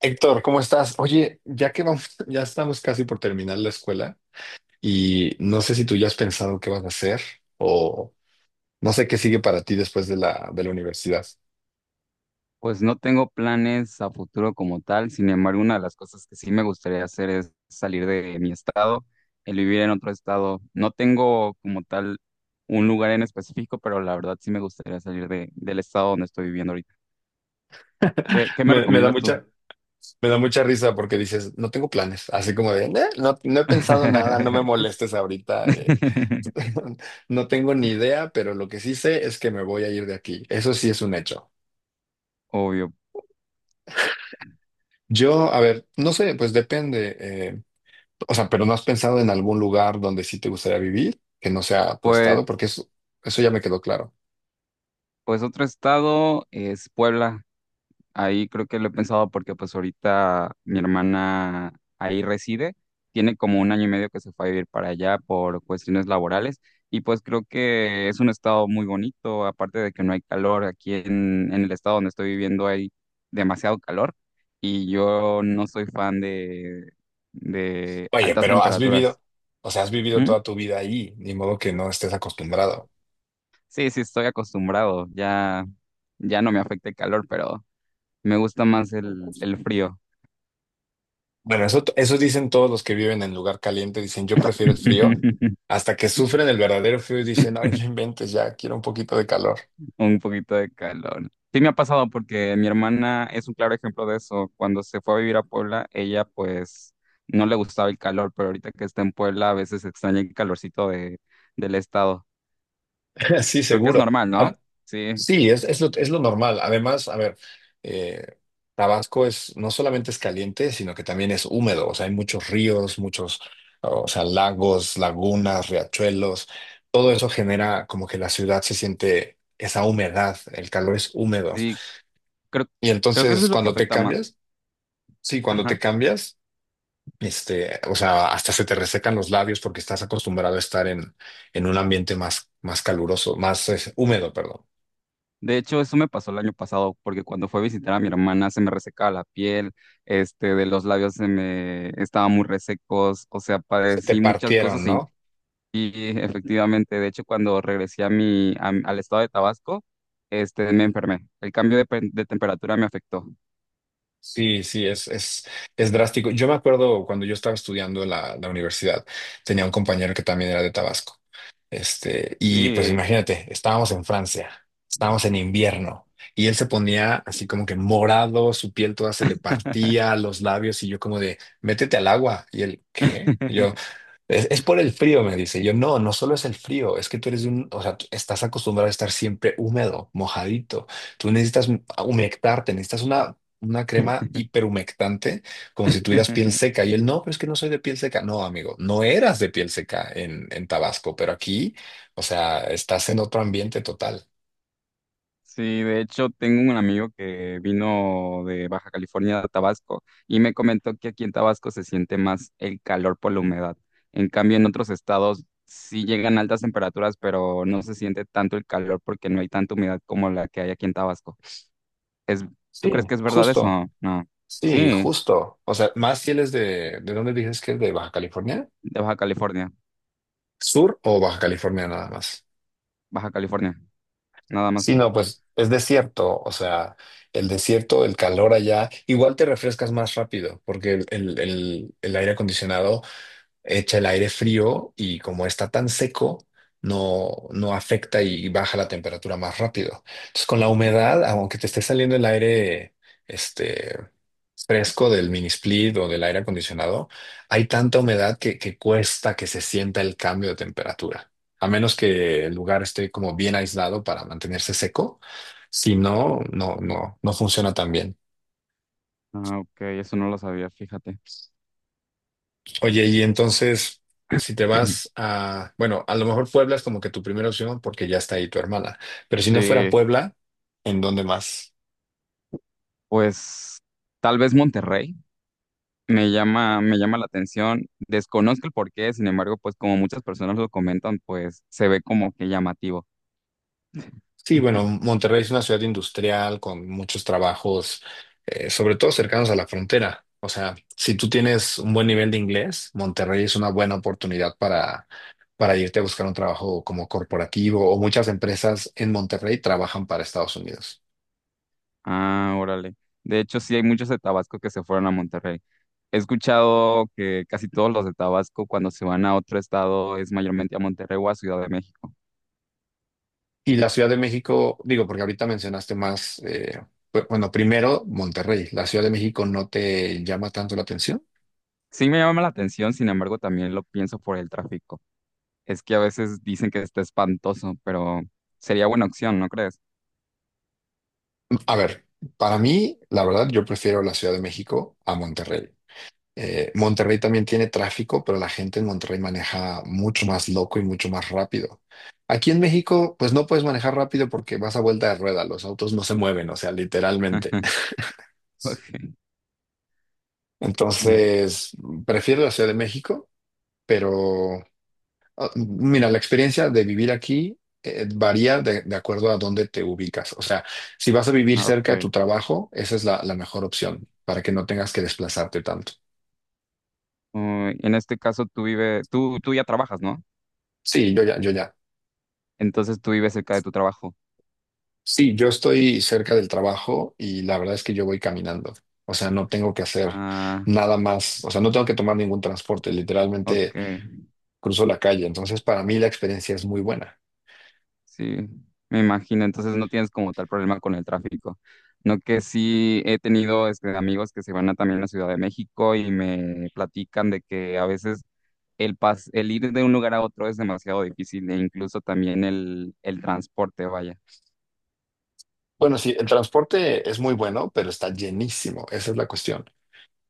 Héctor, ¿cómo estás? Oye, ya que vamos, ya estamos casi por terminar la escuela y no sé si tú ya has pensado qué vas a hacer o no sé qué sigue para ti después de la universidad. Pues no tengo planes a futuro como tal, sin embargo, una de las cosas que sí me gustaría hacer es salir de mi estado, el vivir en otro estado. No tengo como tal un lugar en específico, pero la verdad sí me gustaría salir del estado donde estoy viviendo ahorita. ¿¿Qué me Me da recomiendas tú? mucha, me da mucha risa porque dices, no tengo planes, así como de, "No, no he pensado nada, no me molestes ahorita, no tengo ni idea, pero lo que sí sé es que me voy a ir de aquí. Eso sí es un hecho. Obvio. Yo, a ver, no sé, pues depende. O sea, pero ¿no has pensado en algún lugar donde sí te gustaría vivir, que no sea tu Pues, estado? Porque eso ya me quedó claro. pues otro estado es Puebla. Ahí creo que lo he pensado porque pues ahorita mi hermana ahí reside, tiene como un año y medio que se fue a vivir para allá por cuestiones laborales y pues creo que es un estado muy bonito, aparte de que no hay calor, aquí en el estado donde estoy viviendo hay demasiado calor y yo no soy fan de Oye, altas pero temperaturas. Has vivido ¿Mm? toda tu vida ahí, ni modo que no estés acostumbrado. Sí, sí, estoy acostumbrado, ya, ya no me afecta el calor, pero me gusta más el frío. Bueno, eso dicen todos los que viven en lugar caliente, dicen yo prefiero el frío, hasta que sufren el verdadero frío y dicen, ay, no inventes, ya quiero un poquito de calor. Un poquito de calor. Sí me ha pasado porque mi hermana es un claro ejemplo de eso. Cuando se fue a vivir a Puebla, ella pues no le gustaba el calor, pero ahorita que está en Puebla a veces extraña el calorcito del estado. Sí, Creo que es seguro. normal, ¿no? Sí, Sí, es lo normal. Además, a ver, eh, Tabasco es, no solamente es caliente, sino que también es húmedo. O sea, hay muchos ríos, muchos, o sea, lagos, lagunas, riachuelos. Todo eso genera como que la ciudad se siente esa humedad, el calor es húmedo. sí, creo, Y Creo que eso es entonces lo que cuando te afecta más. cambias, sí, cuando Ajá. te cambias, este, o sea, hasta se te resecan los labios porque estás acostumbrado a estar en un ambiente más caluroso, más húmedo, perdón. De hecho, eso me pasó el año pasado porque cuando fue a visitar a mi hermana se me resecaba la piel, este, de los labios se me estaban muy resecos, o sea, Se te padecí muchas cosas. partieron, Y ¿no? efectivamente, de hecho, cuando regresé a mi, al estado de Tabasco, este, me enfermé. El cambio de, de temperatura me afectó. Sí, sí, es drástico. Yo me acuerdo cuando yo estaba estudiando en la universidad, tenía un compañero que también era de Tabasco. Este, y pues Sí. imagínate, estábamos en Francia, estábamos en invierno, y él se ponía así como que morado, su piel toda se le partía, los labios, y yo como de, métete al agua. Y él, ¿qué? Yo, es por el frío, me dice. Yo, no solo es el frío, es que tú eres de un, o sea, tú estás acostumbrado a estar siempre húmedo, mojadito. Tú necesitas humectarte, necesitas una crema hiperhumectante, como si tuvieras piel seca. Y él, no, pero es que no soy de piel seca. No, amigo, no eras de piel seca en Tabasco, pero aquí, o sea, estás en otro ambiente total. Sí, de hecho, tengo un amigo que vino de Baja California a Tabasco y me comentó que aquí en Tabasco se siente más el calor por la humedad. En cambio, en otros estados sí llegan altas temperaturas, pero no se siente tanto el calor porque no hay tanta humedad como la que hay aquí en Tabasco. Es, ¿tú Sí, crees que es verdad eso? justo, No. sí, Sí, justo. O sea, más si él es ¿de dónde dices que es? ¿De Baja California? de Baja California. ¿Sur o Baja California nada más? Baja California, nada Sí, más. no, pues es desierto, o sea, el desierto, el calor allá, igual te refrescas más rápido, porque el aire acondicionado echa el aire frío y como está tan seco, no afecta y baja la temperatura más rápido. Entonces, con la humedad, aunque te esté saliendo el aire este, fresco del mini split o del aire acondicionado, hay tanta humedad que cuesta que se sienta el cambio de temperatura. A menos que el lugar esté como bien aislado para mantenerse seco. Si no, no funciona tan bien. Ah, ok, eso no lo sabía, fíjate. Oye, y entonces, si te vas a, bueno, a lo mejor Puebla es como que tu primera opción porque ya está ahí tu hermana, pero si no fuera Sí, Puebla, ¿en dónde más? pues tal vez Monterrey me llama la atención. Desconozco el porqué, sin embargo, pues como muchas personas lo comentan, pues se ve como que llamativo. Sí, bueno, Monterrey es una ciudad industrial con muchos trabajos, sobre todo cercanos a la frontera. O sea, si tú tienes un buen nivel de inglés, Monterrey es una buena oportunidad para irte a buscar un trabajo como corporativo o muchas empresas en Monterrey trabajan para Estados Unidos. Ah, órale. De hecho, sí hay muchos de Tabasco que se fueron a Monterrey. He escuchado que casi todos los de Tabasco cuando se van a otro estado es mayormente a Monterrey o a Ciudad de México. Y la Ciudad de México, digo, porque ahorita mencionaste más, bueno, primero Monterrey, ¿la Ciudad de México no te llama tanto la atención? Sí me llama la atención, sin embargo, también lo pienso por el tráfico. Es que a veces dicen que está espantoso, pero sería buena opción, ¿no crees? A ver, para mí, la verdad, yo prefiero la Ciudad de México a Monterrey. Monterrey también tiene tráfico, pero la gente en Monterrey maneja mucho más loco y mucho más rápido. Aquí en México, pues no puedes manejar rápido porque vas a vuelta de rueda, los autos no se mueven, o sea, literalmente. Ok. en- Entonces, prefiero la Ciudad de México, pero mira, la experiencia de vivir aquí varía de acuerdo a dónde te ubicas. O sea, si vas a vivir ah, cerca de ok. tu trabajo, esa es la mejor opción para que no tengas que desplazarte tanto. Uy, en este caso tú vives, tú ya trabajas, ¿no? Sí, yo ya. Entonces tú vives cerca de tu trabajo. Sí, yo estoy cerca del trabajo y la verdad es que yo voy caminando. O sea, no tengo que hacer Ah, nada más. O sea, no tengo que tomar ningún transporte. ok. Literalmente cruzo la calle. Entonces, para mí la experiencia es muy buena. Sí, me imagino. Entonces no tienes como tal problema con el tráfico. No que sí he tenido este, amigos que se van a también a Ciudad de México y me platican de que a veces el, pas el ir de un lugar a otro es demasiado difícil e incluso también el transporte, vaya. Bueno, sí, el transporte es muy bueno, pero está llenísimo. Esa es la cuestión.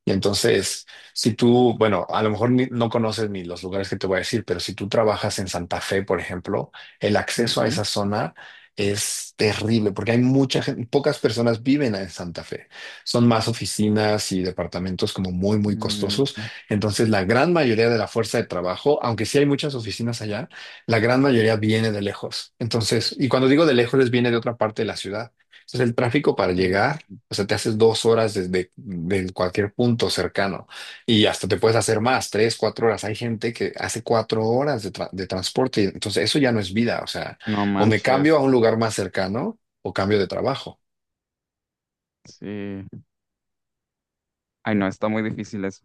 Y entonces, si tú, bueno, a lo mejor no conoces ni los lugares que te voy a decir, pero si tú trabajas en Santa Fe, por ejemplo, el acceso a Ujú. esa zona es terrible porque hay mucha gente, pocas personas viven en Santa Fe. Son más oficinas y departamentos como muy Mm, costosos. Entonces, la gran mayoría de la fuerza de trabajo, aunque sí hay muchas oficinas allá, la gran mayoría viene de lejos. Entonces, y cuando digo de lejos, es viene de otra parte de la ciudad. Entonces, el tráfico para mm, llegar o sea, te haces dos horas desde cualquier punto cercano y hasta te puedes hacer más, tres, cuatro horas. Hay gente que hace cuatro horas de, de transporte y entonces eso ya no es vida. O sea, No o me cambio manches, a un lugar más cercano o cambio de trabajo. sí. Ay, no, está muy difícil eso.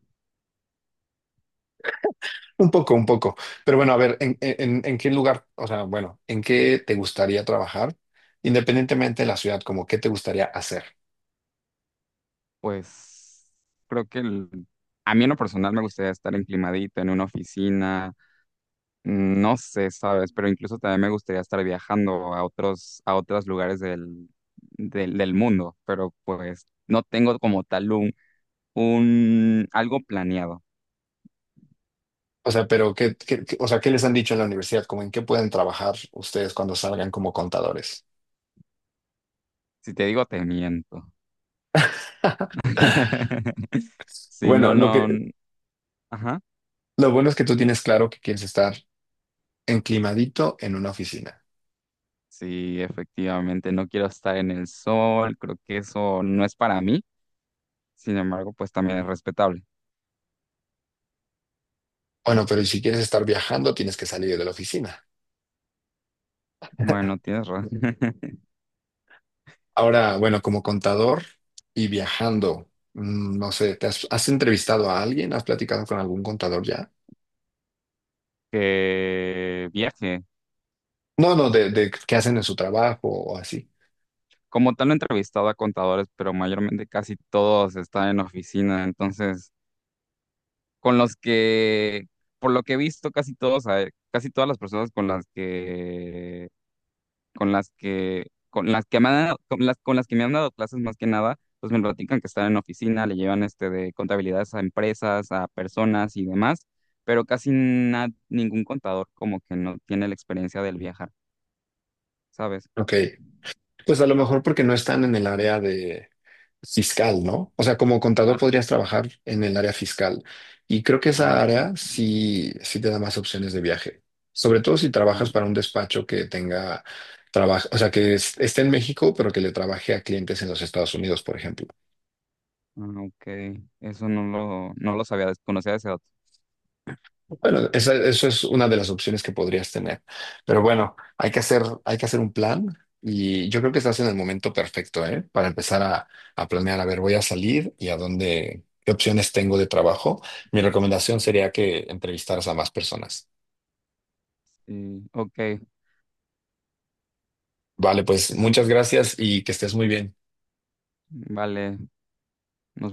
Un poco, un poco. Pero bueno, a ver, en qué lugar, o sea, bueno, ¿en qué te gustaría trabajar? Independientemente de la ciudad, como qué te gustaría hacer. Pues creo que a mí en lo personal me gustaría estar enclimadito en una oficina, mm, no sé, ¿sabes? Pero incluso también me gustaría estar viajando a otros lugares del mundo, pero pues no tengo como tal un algo planeado. O sea, pero o sea, ¿qué les han dicho en la universidad? Como en qué pueden trabajar ustedes cuando salgan como contadores. Si te digo, te miento. Sí, no, Bueno, lo no. que, Ajá. lo bueno es que tú tienes claro que quieres estar enclimadito en una oficina. Sí, efectivamente, no quiero estar en el sol. Creo que eso no es para mí. Sin embargo, pues también es respetable. Bueno, pero si quieres estar viajando, tienes que salir de la oficina. Bueno, tienes razón. Ahora, bueno, como contador y viajando, mm, no sé, ¿te has entrevistado a alguien? ¿Has platicado con algún contador ya? Que viaje. No, no, de qué hacen en su trabajo o así. Como tal, no he entrevistado a contadores, pero mayormente casi todos están en oficina. Entonces, con los que, por lo que he visto, casi todos, casi todas las personas con las que con las que, con las que me han dado, con las que me han dado clases más que nada, pues me platican que están en oficina, le llevan este de contabilidades a empresas, a personas y demás, pero casi ningún contador como que no tiene la experiencia del viajar, ¿sabes? Ok, pues a lo mejor porque no están en el área de, fiscal, ¿no? O sea, como contador Ah, podrías trabajar en el área fiscal. Y creo que esa ok, área sí, sí te da más opciones de viaje. Sobre todo si ah, trabajas para un despacho que tenga trabajo, o sea, que esté en México, pero que le trabaje a clientes en los Estados Unidos, por ejemplo. Ok, eso no no lo sabía, desconocía ese dato. Bueno, esa, eso es una de las opciones que podrías tener. Pero bueno, hay que hacer un plan y yo creo que estás en el momento perfecto, ¿eh? Para empezar a planear, a ver, voy a salir y a dónde, qué opciones tengo de trabajo. Mi recomendación sería que entrevistaras a más personas. Sí, ok, Vale, pues eso, muchas gracias y que estés muy bien. vale, nos vemos.